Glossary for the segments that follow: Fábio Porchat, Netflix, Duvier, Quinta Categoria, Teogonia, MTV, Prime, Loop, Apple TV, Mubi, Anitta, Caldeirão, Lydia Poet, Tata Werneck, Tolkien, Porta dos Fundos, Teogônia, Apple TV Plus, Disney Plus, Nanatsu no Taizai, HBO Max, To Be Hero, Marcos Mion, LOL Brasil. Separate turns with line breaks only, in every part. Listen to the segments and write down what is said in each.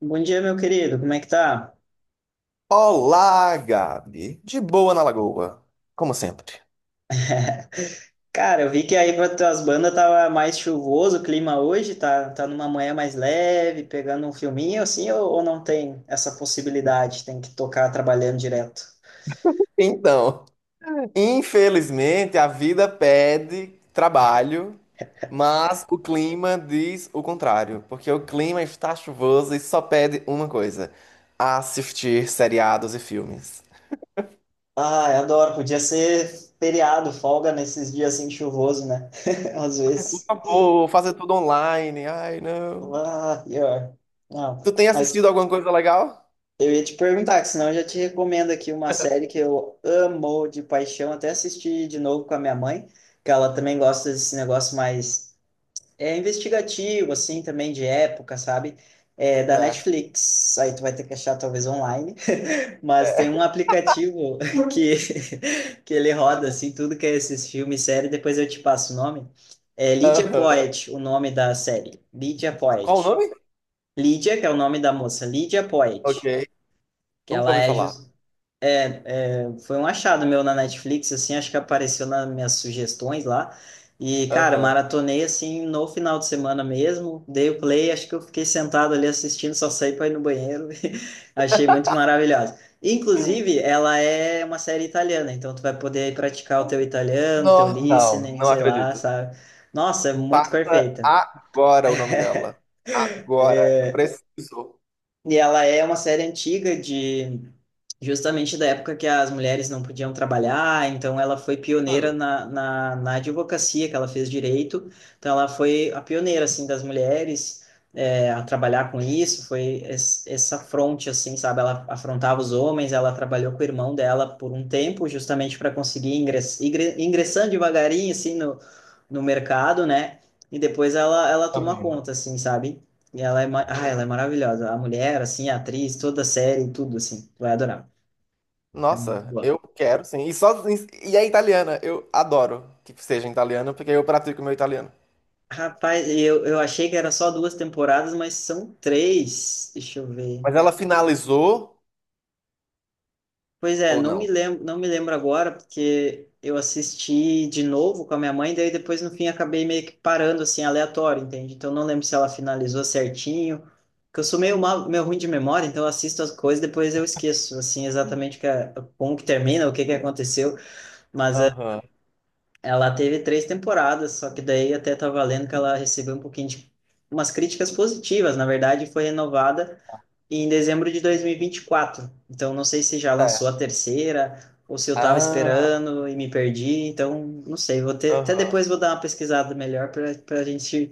Bom dia, meu querido. Como é que tá?
Olá, Gabi. De boa na lagoa, como sempre.
Cara, eu vi que aí para tuas bandas tava mais chuvoso o clima hoje, tá numa manhã mais leve, pegando um filminho assim, ou não tem essa possibilidade? Tem que tocar trabalhando direto.
Então, Infelizmente a vida pede trabalho, mas o clima diz o contrário, porque o clima está chuvoso e só pede uma coisa: assistir seriados e filmes.
Ah, eu adoro. Podia ser feriado, folga nesses dias assim chuvoso, né? Às
Ai, por
vezes.
favor, fazer tudo online. Ai, não.
Ah, pior.
Tu
Não,
tem assistido
mas
alguma coisa legal?
eu ia te perguntar, que senão eu já te recomendo aqui uma série que eu amo de paixão, até assisti de novo com a minha mãe, que ela também gosta desse negócio mais é investigativo, assim, também de época, sabe? É da
Certo.
Netflix. Aí tu vai ter que achar talvez online, mas tem um aplicativo que que ele roda assim tudo que é esses filmes, série, depois eu te passo o nome. É Lydia
Aham.
Poet, o nome da série. Lydia
Qual o
Poet.
nome?
Lydia, que é o nome da moça, Lydia
Ok.
Poet, que
Nunca
ela
ouvi
é
falar.
jus- é, foi um achado meu na Netflix, assim, acho que apareceu nas minhas sugestões lá. E, cara,
Aham.
maratonei assim no final de semana mesmo, dei o play, acho que eu fiquei sentado ali assistindo, só saí para ir no banheiro. Achei muito maravilhoso. Inclusive, ela é uma série italiana, então tu vai poder aí praticar o teu italiano, teu
Não, não,
listening,
não
sei lá,
acredito.
sabe? Nossa, é muito perfeita.
Agora o nome dela. Agora, eu preciso.
E ela é uma série antiga de justamente da época que as mulheres não podiam trabalhar, então ela foi pioneira
Ah.
na advocacia, que ela fez direito, então ela foi a pioneira, assim, das mulheres é, a trabalhar com isso, foi essa fronte, assim, sabe, ela afrontava os homens, ela trabalhou com o irmão dela por um tempo, justamente para conseguir ingressando devagarinho, assim, no mercado, né, e depois ela toma
Aham.
conta, assim, sabe, e ela é maravilhosa, a mulher, assim, a atriz, toda a série, tudo, assim, vai adorar. É muito
Nossa,
boa.
eu quero sim. E é italiana, eu adoro que seja italiana, porque eu pratico meu italiano.
Rapaz, eu achei que era só duas temporadas, mas são três. Deixa eu ver.
Mas ela finalizou
Pois é,
ou
não me
não?
lembro, não me lembro agora, porque eu assisti de novo com a minha mãe, daí depois no fim acabei meio que parando assim, aleatório, entende? Então não lembro se ela finalizou certinho. Porque eu sou meio, mal, meio ruim de memória, então eu assisto as coisas, e depois eu esqueço, assim, exatamente como que termina, o que que aconteceu. Mas
Aham.
ela teve três temporadas, só que daí até tava lendo que ela recebeu um pouquinho de umas críticas positivas. Na verdade, foi renovada em dezembro de 2024. Então, não sei se já lançou a
É.
terceira ou se eu tava
Ah,
esperando e me perdi. Então, não sei. Vou ter, até
aham.
depois vou dar uma pesquisada melhor para a gente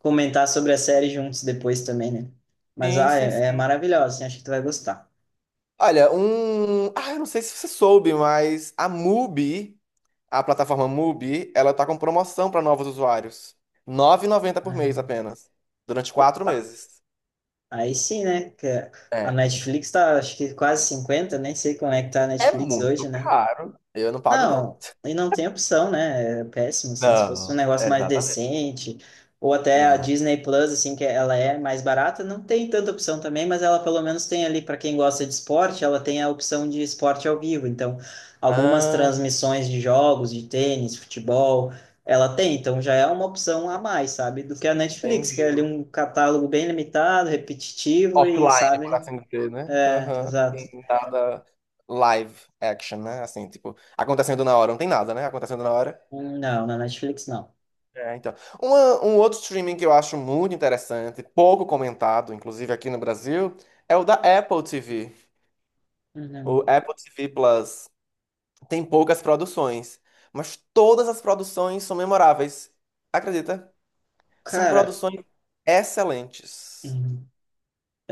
comentar sobre a série juntos depois também, né? Mas
Sim,
ah,
sim,
é, é
sim.
maravilhosa. Assim, acho que tu vai gostar.
Olha. Ah, eu não sei se você soube, mas a a plataforma Mubi, ela tá com promoção para novos usuários. R$ 90 por mês apenas. Durante quatro
É.
meses.
Aí sim, né? Que a
É.
Netflix tá, acho que quase 50, nem sei como é que tá a
É
Netflix
muito
hoje, né?
caro. Eu não pago, não.
Não, e não tem opção, né? É péssimo, assim, se fosse um
Não,
negócio mais
exatamente.
decente, ou até a
Não.
Disney Plus, assim, que ela é mais barata, não tem tanta opção também, mas ela pelo menos tem ali, para quem gosta de esporte, ela tem a opção de esporte ao vivo. Então, algumas
Ah,
transmissões de jogos, de tênis, futebol, ela tem, então já é uma opção a mais, sabe? Do que a Netflix, que é
entendi.
ali um catálogo bem limitado, repetitivo e,
Offline, por
sabe?
assim dizer, né?
É,
Aham. Tem
exato.
nada live action, né? Assim, tipo, acontecendo na hora. Não tem nada, né? Acontecendo na hora.
Não, na Netflix não.
É, então. Um outro streaming que eu acho muito interessante, pouco comentado, inclusive aqui no Brasil, é o da Apple TV. O
Não.
Apple TV Plus tem poucas produções, mas todas as produções são memoráveis. Acredita? São
Cara.
produções excelentes.
Hum.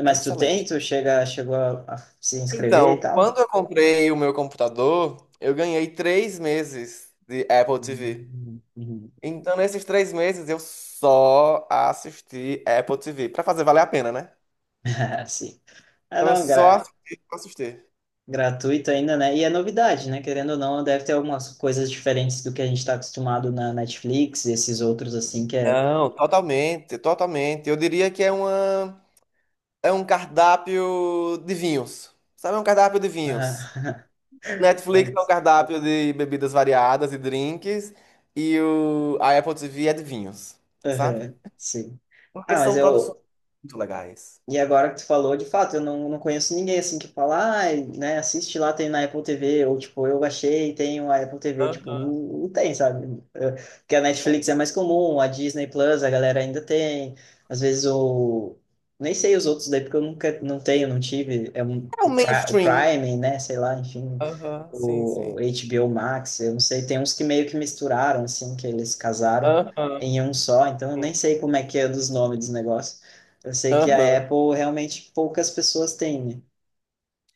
Mas tu
Excelentes.
tem? Chegou a se inscrever e
Então,
tal?
quando eu comprei o meu computador, eu ganhei 3 meses de Apple TV.
Hum, hum.
Então, nesses 3 meses, eu só assisti Apple TV. Pra fazer valer a pena, né?
Ah, sim. Ah,
Então, eu
não,
só
gra-
assisti, só assisti.
gratuito ainda, né? E é novidade, né? Querendo ou não, deve ter algumas coisas diferentes do que a gente está acostumado na Netflix e esses outros, assim, que é...
Não, totalmente, totalmente. Eu diria que é uma, é um cardápio de vinhos. Sabe, é um cardápio de vinhos.
Ah,
Netflix é um
mas...
cardápio de bebidas variadas e drinks. A Apple TV é de vinhos, sabe?
Aham, sim.
Porque
Ah, mas
são produções
eu,
muito legais.
e agora que tu falou, de fato, eu não, não conheço ninguém assim que fala, ah, né, assiste lá, tem na Apple TV, ou tipo, eu baixei, tenho a Apple TV, tipo,
Aham.
não, não tem, sabe? Eh, porque a Netflix é mais comum, a Disney Plus a galera ainda tem, às vezes o. Nem sei os outros daí, porque eu nunca, não tenho, não tive, é um
É o
o
mainstream.
Prime, né, sei lá, enfim,
Aham, sim,
o
sim.
HBO Max, eu não sei, tem uns que meio que misturaram, assim, que eles casaram
Aham,
em um só, então eu
sim.
nem sei como é que é dos nomes dos negócios. Eu sei que a
Aham.
Apple realmente poucas pessoas têm, né?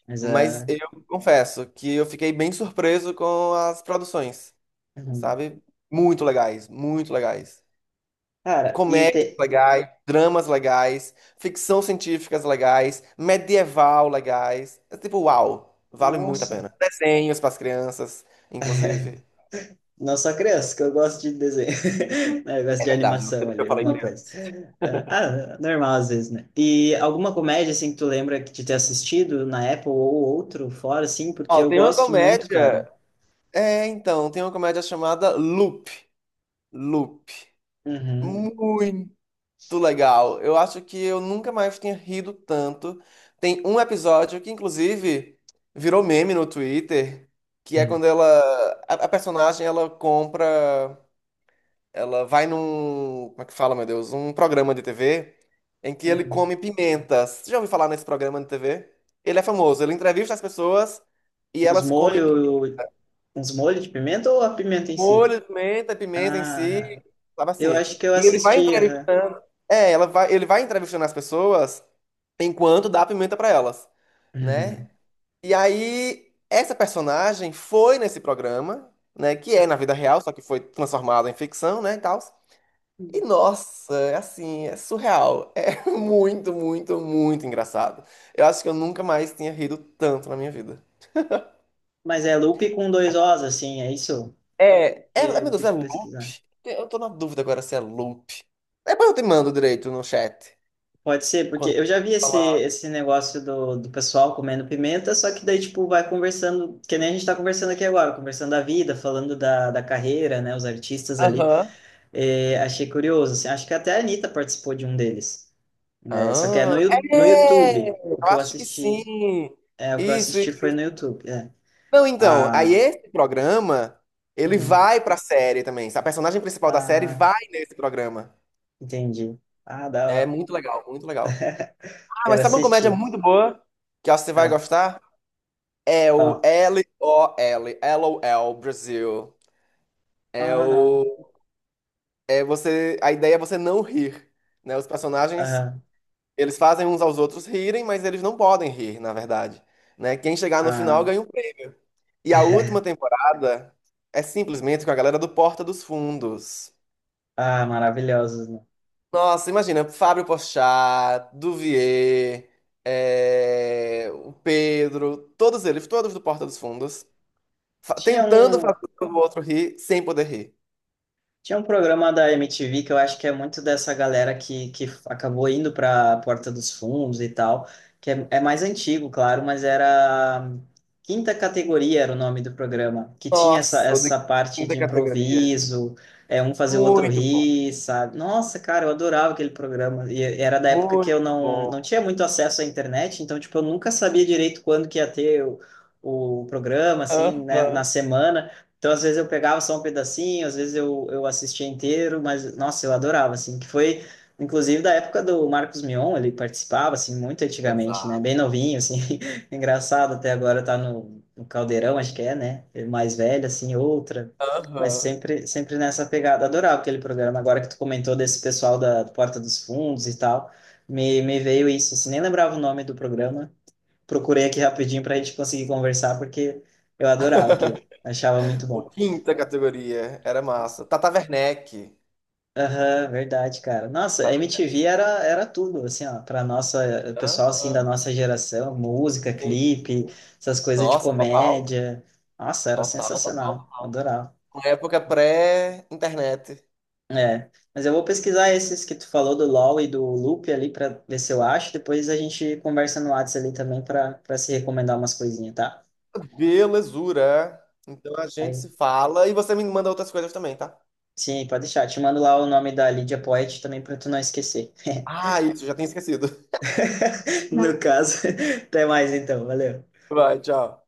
Mas
Mas
é.
eu confesso que eu fiquei bem surpreso com as produções,
Uhum.
sabe? Muito legais, muito legais.
Cara, e
Comédias
tem.
legais, dramas legais, ficção científicas legais, medieval legais. É tipo, uau, vale muito a
Nossa,
pena. Desenhos para as crianças, inclusive.
não só criança, que eu gosto de desenho. Né, eu gosto
É
de
verdade, não sei
animação
porque eu
ali,
falei
alguma coisa.
criança.
É, ah, normal às vezes, né? E alguma comédia, assim, que tu lembra de ter assistido na Apple ou outro, fora, assim, porque
Ó,
eu
tem uma
gosto muito,
comédia.
cara.
Tem uma comédia chamada Loop. Loop.
Uhum.
Muito legal. Eu acho que eu nunca mais tinha rido tanto. Tem um episódio que, inclusive, virou meme no Twitter, que é
Uhum.
quando ela. A personagem ela compra. Ela vai num, como é que fala, meu Deus, um programa de TV em que ele
Uhum.
come pimentas. Você já ouviu falar nesse programa de TV? Ele é famoso, ele entrevista as pessoas e
Uns
elas comem
molhos. Uns molhos de pimenta ou a pimenta em si?
molho de pimenta, pimenta em si,
Ah,
sabe
eu
assim.
acho que eu assisti, aham.
Ele vai entrevistando as pessoas enquanto dá pimenta pra elas, né? E aí essa personagem foi nesse programa, né, que é na vida real, só que foi transformada em ficção, né, e tal. E
Uhum.
nossa, é assim, é surreal. É muito, muito, muito engraçado. Eu acho que eu nunca mais tinha rido tanto na minha vida.
Mas é loop com dois Os, assim, é isso? E eu
Meu
vou
Deus,
ter
é
que
loop?
pesquisar.
Eu tô na dúvida agora se é loop. Depois eu te mando direito no chat.
Pode ser, porque
Quando
eu já
eu
vi esse,
falar.
esse negócio do pessoal comendo pimenta, só que daí, tipo, vai conversando, que nem a gente tá conversando aqui agora, conversando da vida, falando da carreira, né, os artistas ali.
Aham.
É, achei curioso, assim, acho que até a Anitta participou de um deles. É, só que é
Ah,
no, no
é!
YouTube,
Eu
o que eu
acho que
assisti,
sim.
é, o que eu
Isso,
assisti
isso,
foi no
isso.
YouTube, é.
Não, então, aí
Ah,
esse programa, ele
uhum,
vai pra série também. A personagem principal da série
ah,
vai nesse programa.
entendi. Ah, da
É
hora.
muito legal, muito legal. Ah,
Quero
mas sabe uma comédia
assistir.
muito boa que eu acho que você vai
Ah,
gostar? É o
ó.
LOL, LOL Brasil. É
Ah, não.
o. É você. A ideia é você não rir, né? Os personagens,
Ah,
eles fazem uns aos outros rirem, mas eles não podem rir, na verdade, né? Quem chegar no final
ah.
ganha um prêmio. E a última temporada é simplesmente com a galera do Porta dos Fundos.
Ah, maravilhosos, né?
Nossa, imagina, Fábio Porchat, Duvier, o Pedro, todos eles, todos do Porta dos Fundos.
Tinha
Tentando
um,
fazer o outro rir sem poder rir.
tinha um programa da MTV que eu acho que é muito dessa galera que acabou indo para a Porta dos Fundos e tal, que é, é mais antigo, claro, mas era Quinta Categoria era o nome do programa, que tinha essa,
Nossa, o de
essa parte
quinta
de
categoria.
improviso, é um fazer o outro
Muito bom,
rir, sabe? Nossa, cara, eu adorava aquele programa. E era da época que
muito
eu não,
bom.
não tinha muito acesso à internet, então, tipo, eu nunca sabia direito quando que ia ter o programa, assim, né, na
Aham.
semana. Então, às vezes eu pegava só um pedacinho, às vezes eu assistia inteiro, mas, nossa, eu adorava, assim, que foi, inclusive, da época do Marcos Mion, ele participava, assim, muito antigamente, né? Bem
Exato.
novinho, assim, engraçado, até agora tá no Caldeirão, acho que é, né? Ele mais velho, assim, outra, mas
Aham.
sempre, sempre nessa pegada. Adorava aquele programa, agora que tu comentou desse pessoal da Porta dos Fundos e tal, me veio isso, assim, nem lembrava o nome do programa, procurei aqui rapidinho pra gente conseguir conversar, porque eu adorava aquele, achava muito
O
bom.
quinta categoria era
Nossa.
massa. Tata Werneck.
Aham, verdade, cara. Nossa, a
Tata Werneck.
MTV era tudo, assim, ó, pra nossa, o pessoal, assim, da
Aham.
nossa geração, música,
Sim.
clipe, essas coisas de
Nossa, total.
comédia. Nossa, era
Total, total,
sensacional,
total.
adorava.
Uma época pré-internet.
É, mas eu vou pesquisar esses que tu falou do LoL e do Loop ali pra ver se eu acho, depois a gente conversa no WhatsApp ali também pra se recomendar umas coisinhas, tá?
Belezura. Então a gente
Aí,
se fala e você me manda outras coisas também, tá?
sim, pode deixar, te mando lá o nome da Lydia Poet também pra tu não esquecer.
Ah, isso, já tinha esquecido.
No caso, até mais então, valeu.
Vai, tchau.